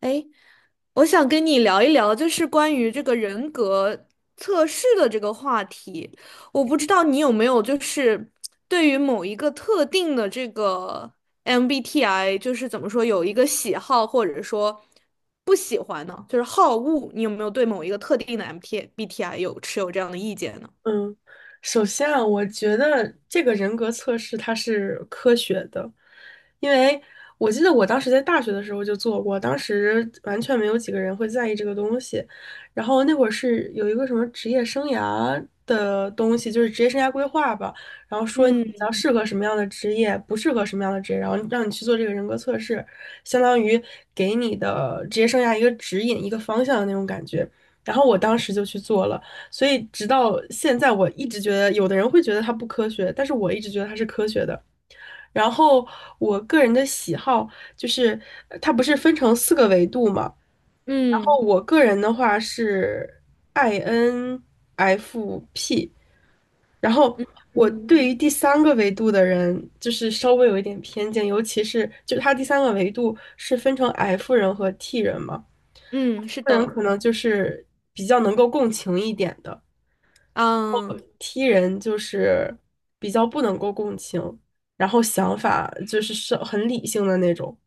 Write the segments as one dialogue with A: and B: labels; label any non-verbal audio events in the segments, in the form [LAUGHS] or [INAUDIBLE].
A: 哎，我想跟你聊一聊，就是关于这个人格测试的这个话题。我
B: 嗯
A: 不知道你有没有，就是对于某一个特定的这个 MBTI，就是怎么说，有一个喜好或者说不喜欢呢？就是好恶，你有没有对某一个特定的 MBTI t B T I 有持有这样的意见呢？
B: 嗯，首先啊，我觉得这个人格测试它是科学的，因为我记得我当时在大学的时候就做过，当时完全没有几个人会在意这个东西。然后那会儿是有一个什么职业生涯的东西，就是职业生涯规划吧，然后说你比
A: 嗯
B: 较适合什么样的职业，不适合什么样的职业，然后让你去做这个人格测试，相当于给你的职业生涯一个指引、一个方向的那种感觉。然后我当时就去做了。所以直到现在，我一直觉得有的人会觉得它不科学，但是我一直觉得它是科学的。然后我个人的喜好就是，它不是分成四个维度嘛？然后
A: 嗯
B: 我个人的话是 INFP,然后
A: 嗯
B: 我
A: 嗯
B: 对于第三个维度的人就是稍微有一点偏见，尤其是就它第三个维度是分成 F 人和 T 人嘛
A: 嗯，是
B: ，F 人
A: 的，
B: 可能就是比较能够共情一点的。
A: 嗯
B: T 人就是比较不能够共情，然后想法就是是很理性的那种，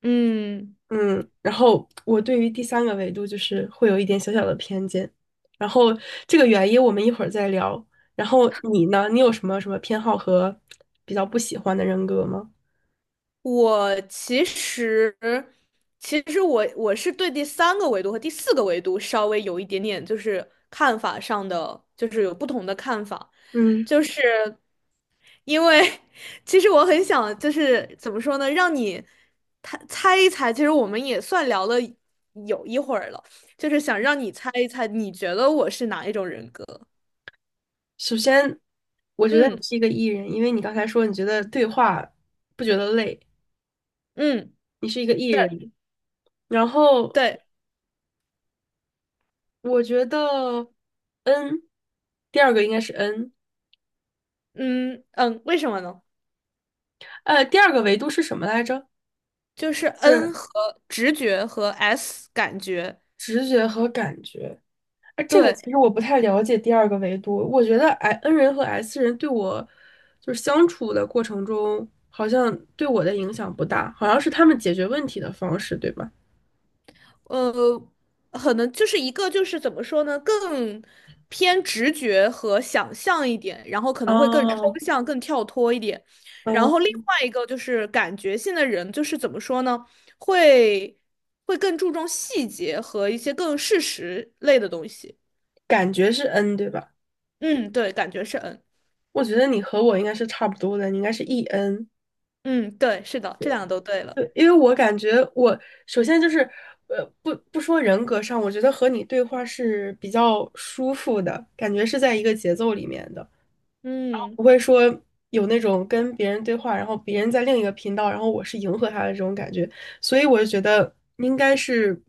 A: 嗯。
B: 嗯，然后我对于第三个维度就是会有一点小小的偏见，然后这个原因我们一会儿再聊。然后你呢？你有什么什么偏好和比较不喜欢的人格吗？
A: 我其实，其实我我是对第三个维度和第四个维度稍微有一点点，就是看法上的，就是有不同的看法，
B: 嗯，
A: 就是因为 [LAUGHS] 其实我很想，就是怎么说呢，让你猜一猜。其实我们也算聊了有一会儿了，就是想让你猜一猜，你觉得我是哪一种人格？
B: 首先我觉得你
A: 嗯
B: 是一个 E 人，因为你刚才说你觉得对话不觉得累，
A: 嗯，
B: 你是一个 E
A: 对
B: 人，然后。
A: 对，
B: 我觉得 N,第二个应该是 N,
A: 嗯嗯，为什么呢？
B: 第二个维度是什么来着？
A: 就是
B: 是
A: N 和直觉和 S 感觉，
B: 直觉和感觉。哎，这个
A: 对，
B: 其实我不太了解第二个维度。我觉得 I N 人和 S 人对我就是相处的过程中，好像对我的影响不大，好像是他们解决问题的方式，对吧？
A: 呃，可能就是一个就是怎么说呢，更偏直觉和想象一点，然后可能会更抽
B: 哦，
A: 象、更跳脱一点。然
B: 嗯，
A: 后另外一个就是感觉性的人，就是怎么说呢，会会更注重细节和一些更事实类的东西。
B: 感觉是 N,对吧？
A: 嗯，对，感觉是 N。
B: 我觉得你和我应该是差不多的，你应该是 E N。
A: 嗯，对，是的，这两个都对了。
B: 对，因为我感觉我首先就是，不说人格上，我觉得和你对话是比较舒服的，感觉是在一个节奏里面的，然后
A: 嗯
B: 不会说有那种跟别人对话，然后别人在另一个频道，然后我是迎合他的这种感觉，所以我就觉得应该是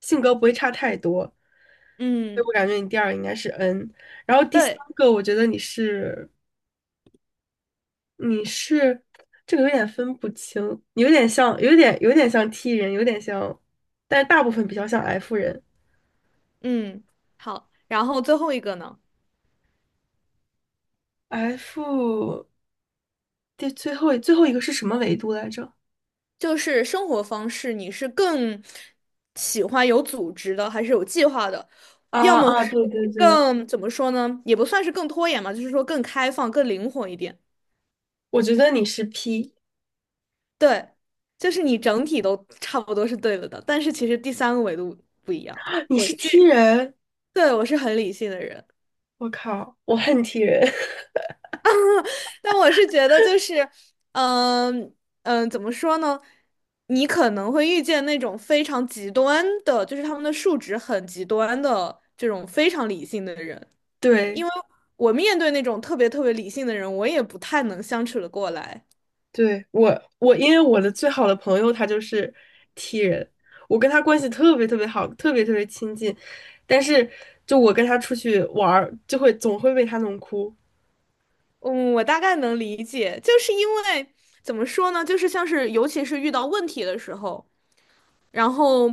B: 性格不会差太多，所以我
A: 嗯，
B: 感觉你第二个应该是 N,然后第三
A: 对。
B: 个我觉得你是。你是这个有点分不清，有点像，有点像 T 人，有点像，但是大部分比较像 F 人。
A: 嗯，好，然后最后一个呢，
B: F 最后一个是什么维度来着？
A: 就是生活方式，你是更喜欢有组织的，还是有计划的？要
B: 啊
A: 么
B: 啊，
A: 是
B: 对对对，
A: 更，怎么说呢，也不算是更拖延嘛，就是说更开放、更灵活一点。
B: 我觉得你是 P,
A: 对，就是你整体都差不多是对了的，但是其实第三个维度不一样。
B: [LAUGHS] 你
A: 我
B: 是 T
A: 是，
B: 人，
A: 对，我是很理性的人。
B: 我靠，我恨 T 人。
A: 但我是觉得就是，嗯嗯，怎么说呢？你可能会遇见那种非常极端的，就是他们的数值很极端的这种非常理性的人。
B: [LAUGHS] 对
A: 我面对那种特别特别理性的人，我也不太能相处的过来。
B: 对，我因为我的最好的朋友他就是 T 人，我跟他关系特别特别好，特别特别亲近，但是就我跟他出去玩儿，就会总会被他弄哭。
A: 嗯，我大概能理解，就是因为怎么说呢？就是像是尤其是遇到问题的时候。然后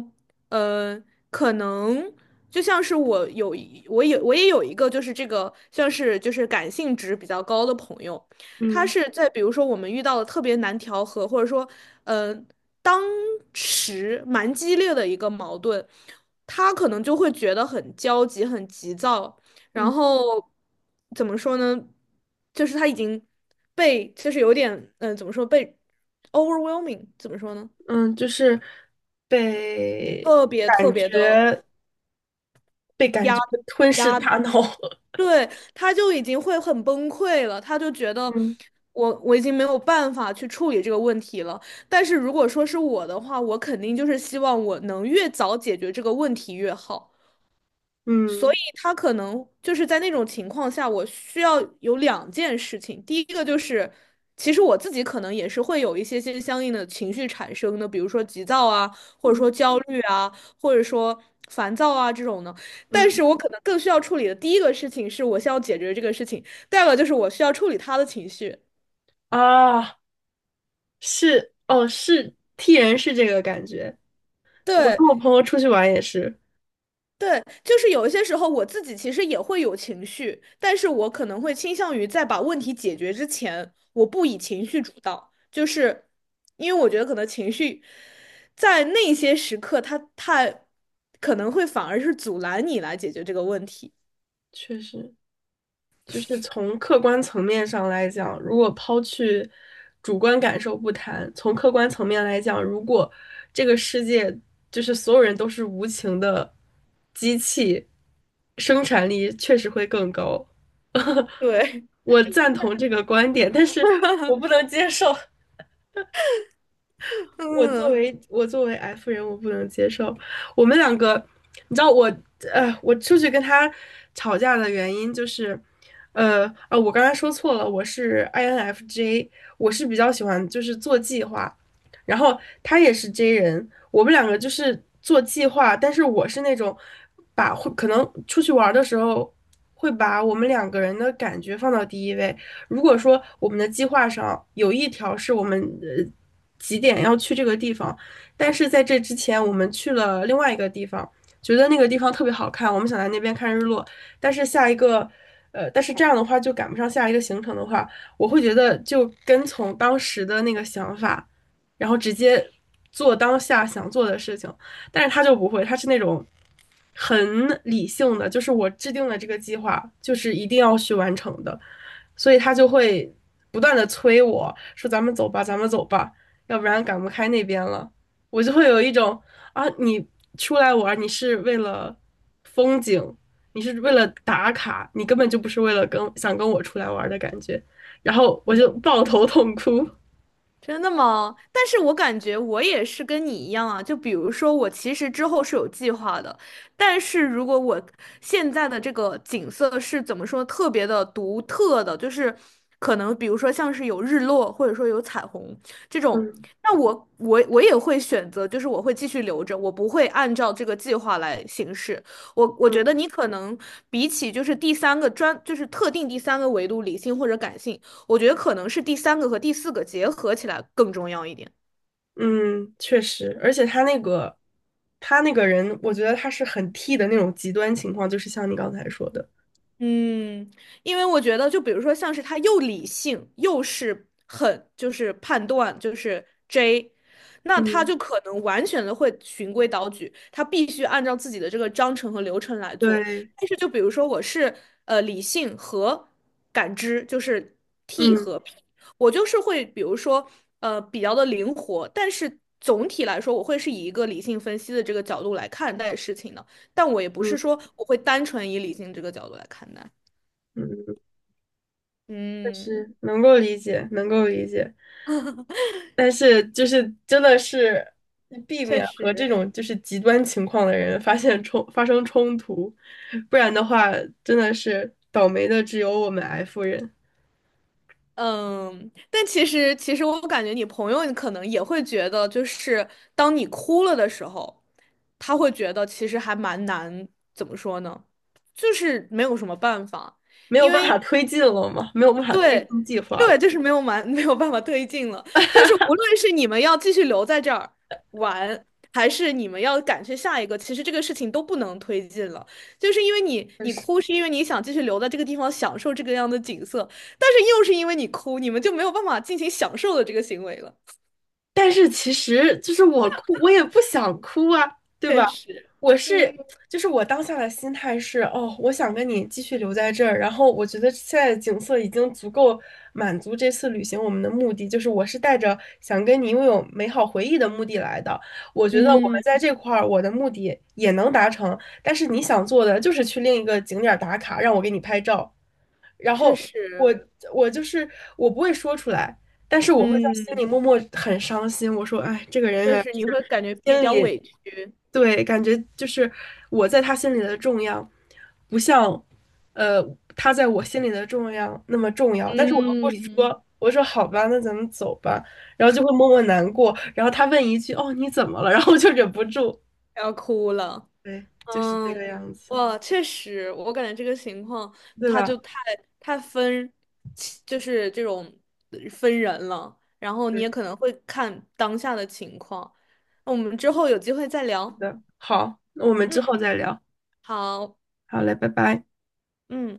A: 呃，可能就像是我也有一个就是这个像是就是感性值比较高的朋友，他
B: 嗯
A: 是在比如说我们遇到了特别难调和，或者说呃当时蛮激烈的一个矛盾，他可能就会觉得很焦急、很急躁，然
B: 嗯
A: 后怎么说呢？就是他已经被就是有点怎么说被 overwhelming 怎么说呢？
B: 嗯，就是被
A: 特别特
B: 感
A: 别的
B: 觉被感
A: 压
B: 觉吞噬
A: 压，
B: 大脑了。
A: 对，他就已经会很崩溃了，他就觉
B: [LAUGHS]
A: 得
B: 嗯
A: 我已经没有办法去处理这个问题了。但是如果说是我的话，我肯定就是希望我能越早解决这个问题越好。所
B: 嗯
A: 以他可能就是在那种情况下，我需要有两件事情。第一个就是，其实我自己可能也是会有一些相应的情绪产生的，比如说急躁啊，或者
B: 嗯
A: 说焦虑啊，或者说烦躁啊这种的。但
B: 嗯
A: 是我可能更需要处理的第一个事情是，我需要解决这个事情；第二个就是我需要处理他的情绪。
B: 啊，是哦，是 T 人是这个感觉。我
A: 对，
B: 跟我朋友出去玩也是，
A: 对，就是有一些时候我自己其实也会有情绪，但是我可能会倾向于在把问题解决之前，我不以情绪主导，就是因为我觉得可能情绪在那些时刻它，太可能会反而是阻拦你来解决这个问题。
B: 确实，就是从客观层面上来讲，如果抛去主观感受不谈，从客观层面来讲，如果这个世界就是所有人都是无情的机器，生产力确实会更高。[LAUGHS]
A: 对，
B: 我赞同这个观点，但是我
A: [LAUGHS]
B: 不能接受。我作
A: 嗯。
B: 为我作为 F 人，我不能接受。我们两个，你知道我，我出去跟他吵架的原因就是，我刚才说错了，我是 INFJ,我是比较喜欢就是做计划，然后他也是 J 人，我们两个就是做计划，但是我是那种把会可能出去玩儿的时候会把我们两个人的感觉放到第一位，如果说我们的计划上有一条是我们几点要去这个地方，但是在这之前我们去了另外一个地方，觉得那个地方特别好看，我们想在那边看日落，但是下一个。但是这样的话就赶不上下一个行程的话，我会觉得就跟从当时的那个想法，然后直接做当下想做的事情。但是他就不会，他是那种很理性的，就是我制定了这个计划，就是一定要去完成的。所以他就会不断的催我说："咱们走吧，咱们走吧，要不然赶不开那边了。"我就会有一种啊，你出来玩，你是为了风景，你是为了打卡，你根本就不是为了跟想跟我出来玩的感觉。然后我就抱头痛哭。
A: 真的吗？但是我感觉我也是跟你一样啊，就比如说我其实之后是有计划的，但是如果我现在的这个景色是怎么说特别的独特的，就是可能比如说像是有日落或者说有彩虹这种，
B: 嗯
A: 那我也会选择，就是我会继续留着，我不会按照这个计划来行事。我
B: 嗯
A: 觉得你可能比起就是第三个专，就是特定第三个维度理性或者感性。我觉得可能是第三个和第四个结合起来更重要一点。
B: 嗯，确实，而且他那个人，我觉得他是很 T 的那种极端情况，就是像你刚才说的。
A: 嗯因为我觉得，就比如说，像是他又理性，又是很就是判断，就是 J，那他
B: 嗯，
A: 就可能完全的会循规蹈矩，他必须按照自己的这个章程和流程来做。
B: 对，
A: 但是，就比如说我是理性和感知，就是 T
B: 嗯
A: 和。我就是会，比如说，比较的灵活，但是总体来说，我会是以一个理性分析的这个角度来看待事情的。但我也不是
B: 嗯
A: 说我会单纯以理性这个角度来看待。
B: 嗯。
A: 嗯，
B: 是能够理解，能够理解，但是就是真的是避
A: 确
B: 免和这
A: 实。
B: 种就是极端情况的人发生冲突，不然的话真的是倒霉的只有我们 F 人，
A: 嗯，但其实我感觉你朋友可能也会觉得，就是当你哭了的时候，他会觉得其实还蛮难，怎么说呢？就是没有什么办法，
B: 没有
A: 因
B: 办
A: 为
B: 法推进了嘛，没有办法推
A: 对，
B: 进计划了。
A: 对，就是没有蛮 [LAUGHS] 没有办法推进了。就是无论是你们要继续留在这儿玩，还是你们要赶去下一个，其实这个事情都不能推进了。就是因为你
B: 确
A: 你哭，
B: 实
A: 是因为你想继续留在这个地方享受这个样的景色，但是又是因为你哭，你们就没有办法进行享受的这个行为了。
B: 但是其实就是我哭，我也不想哭啊，对吧？
A: 确实，
B: 我
A: 嗯
B: 是，就是我当下的心态是，哦，我想跟你继续留在这儿，然后我觉得现在的景色已经足够满足这次旅行我们的目的，就是我是带着想跟你拥有美好回忆的目的来的。我觉得我们在
A: 嗯，
B: 这块儿，我的目的也能达成，但是你想做的就是去另一个景点儿打卡，让我给你拍照。然
A: 确
B: 后我
A: 实，
B: 我就是我不会说出来，但是我会在心里
A: 嗯，
B: 默默很伤心。我说，哎，这个人
A: 确
B: 原来
A: 实
B: 是
A: 你会感觉比
B: 心
A: 较
B: 里
A: 委屈，
B: 对，感觉就是我在他心里的重要，不像呃他在我心里的重要那么重要。但是我又不
A: 嗯，
B: 说，我说好吧，那咱们走吧。然后就会默默难过。然后他问一句："哦，你怎么了？" [LAUGHS] 然后我就忍不住，
A: 要哭了。
B: 对，就是这个
A: 嗯，
B: 样子，
A: 哇，确实，我感觉这个情况，
B: 对
A: 他就
B: 吧？
A: 太分，就是这种分人了。然后你
B: 对，
A: 也可能会看当下的情况。那我们之后有机会再
B: 是
A: 聊。
B: 的。好，那我们之
A: 嗯，
B: 后再聊。
A: 好，
B: 好嘞，拜拜。
A: 嗯。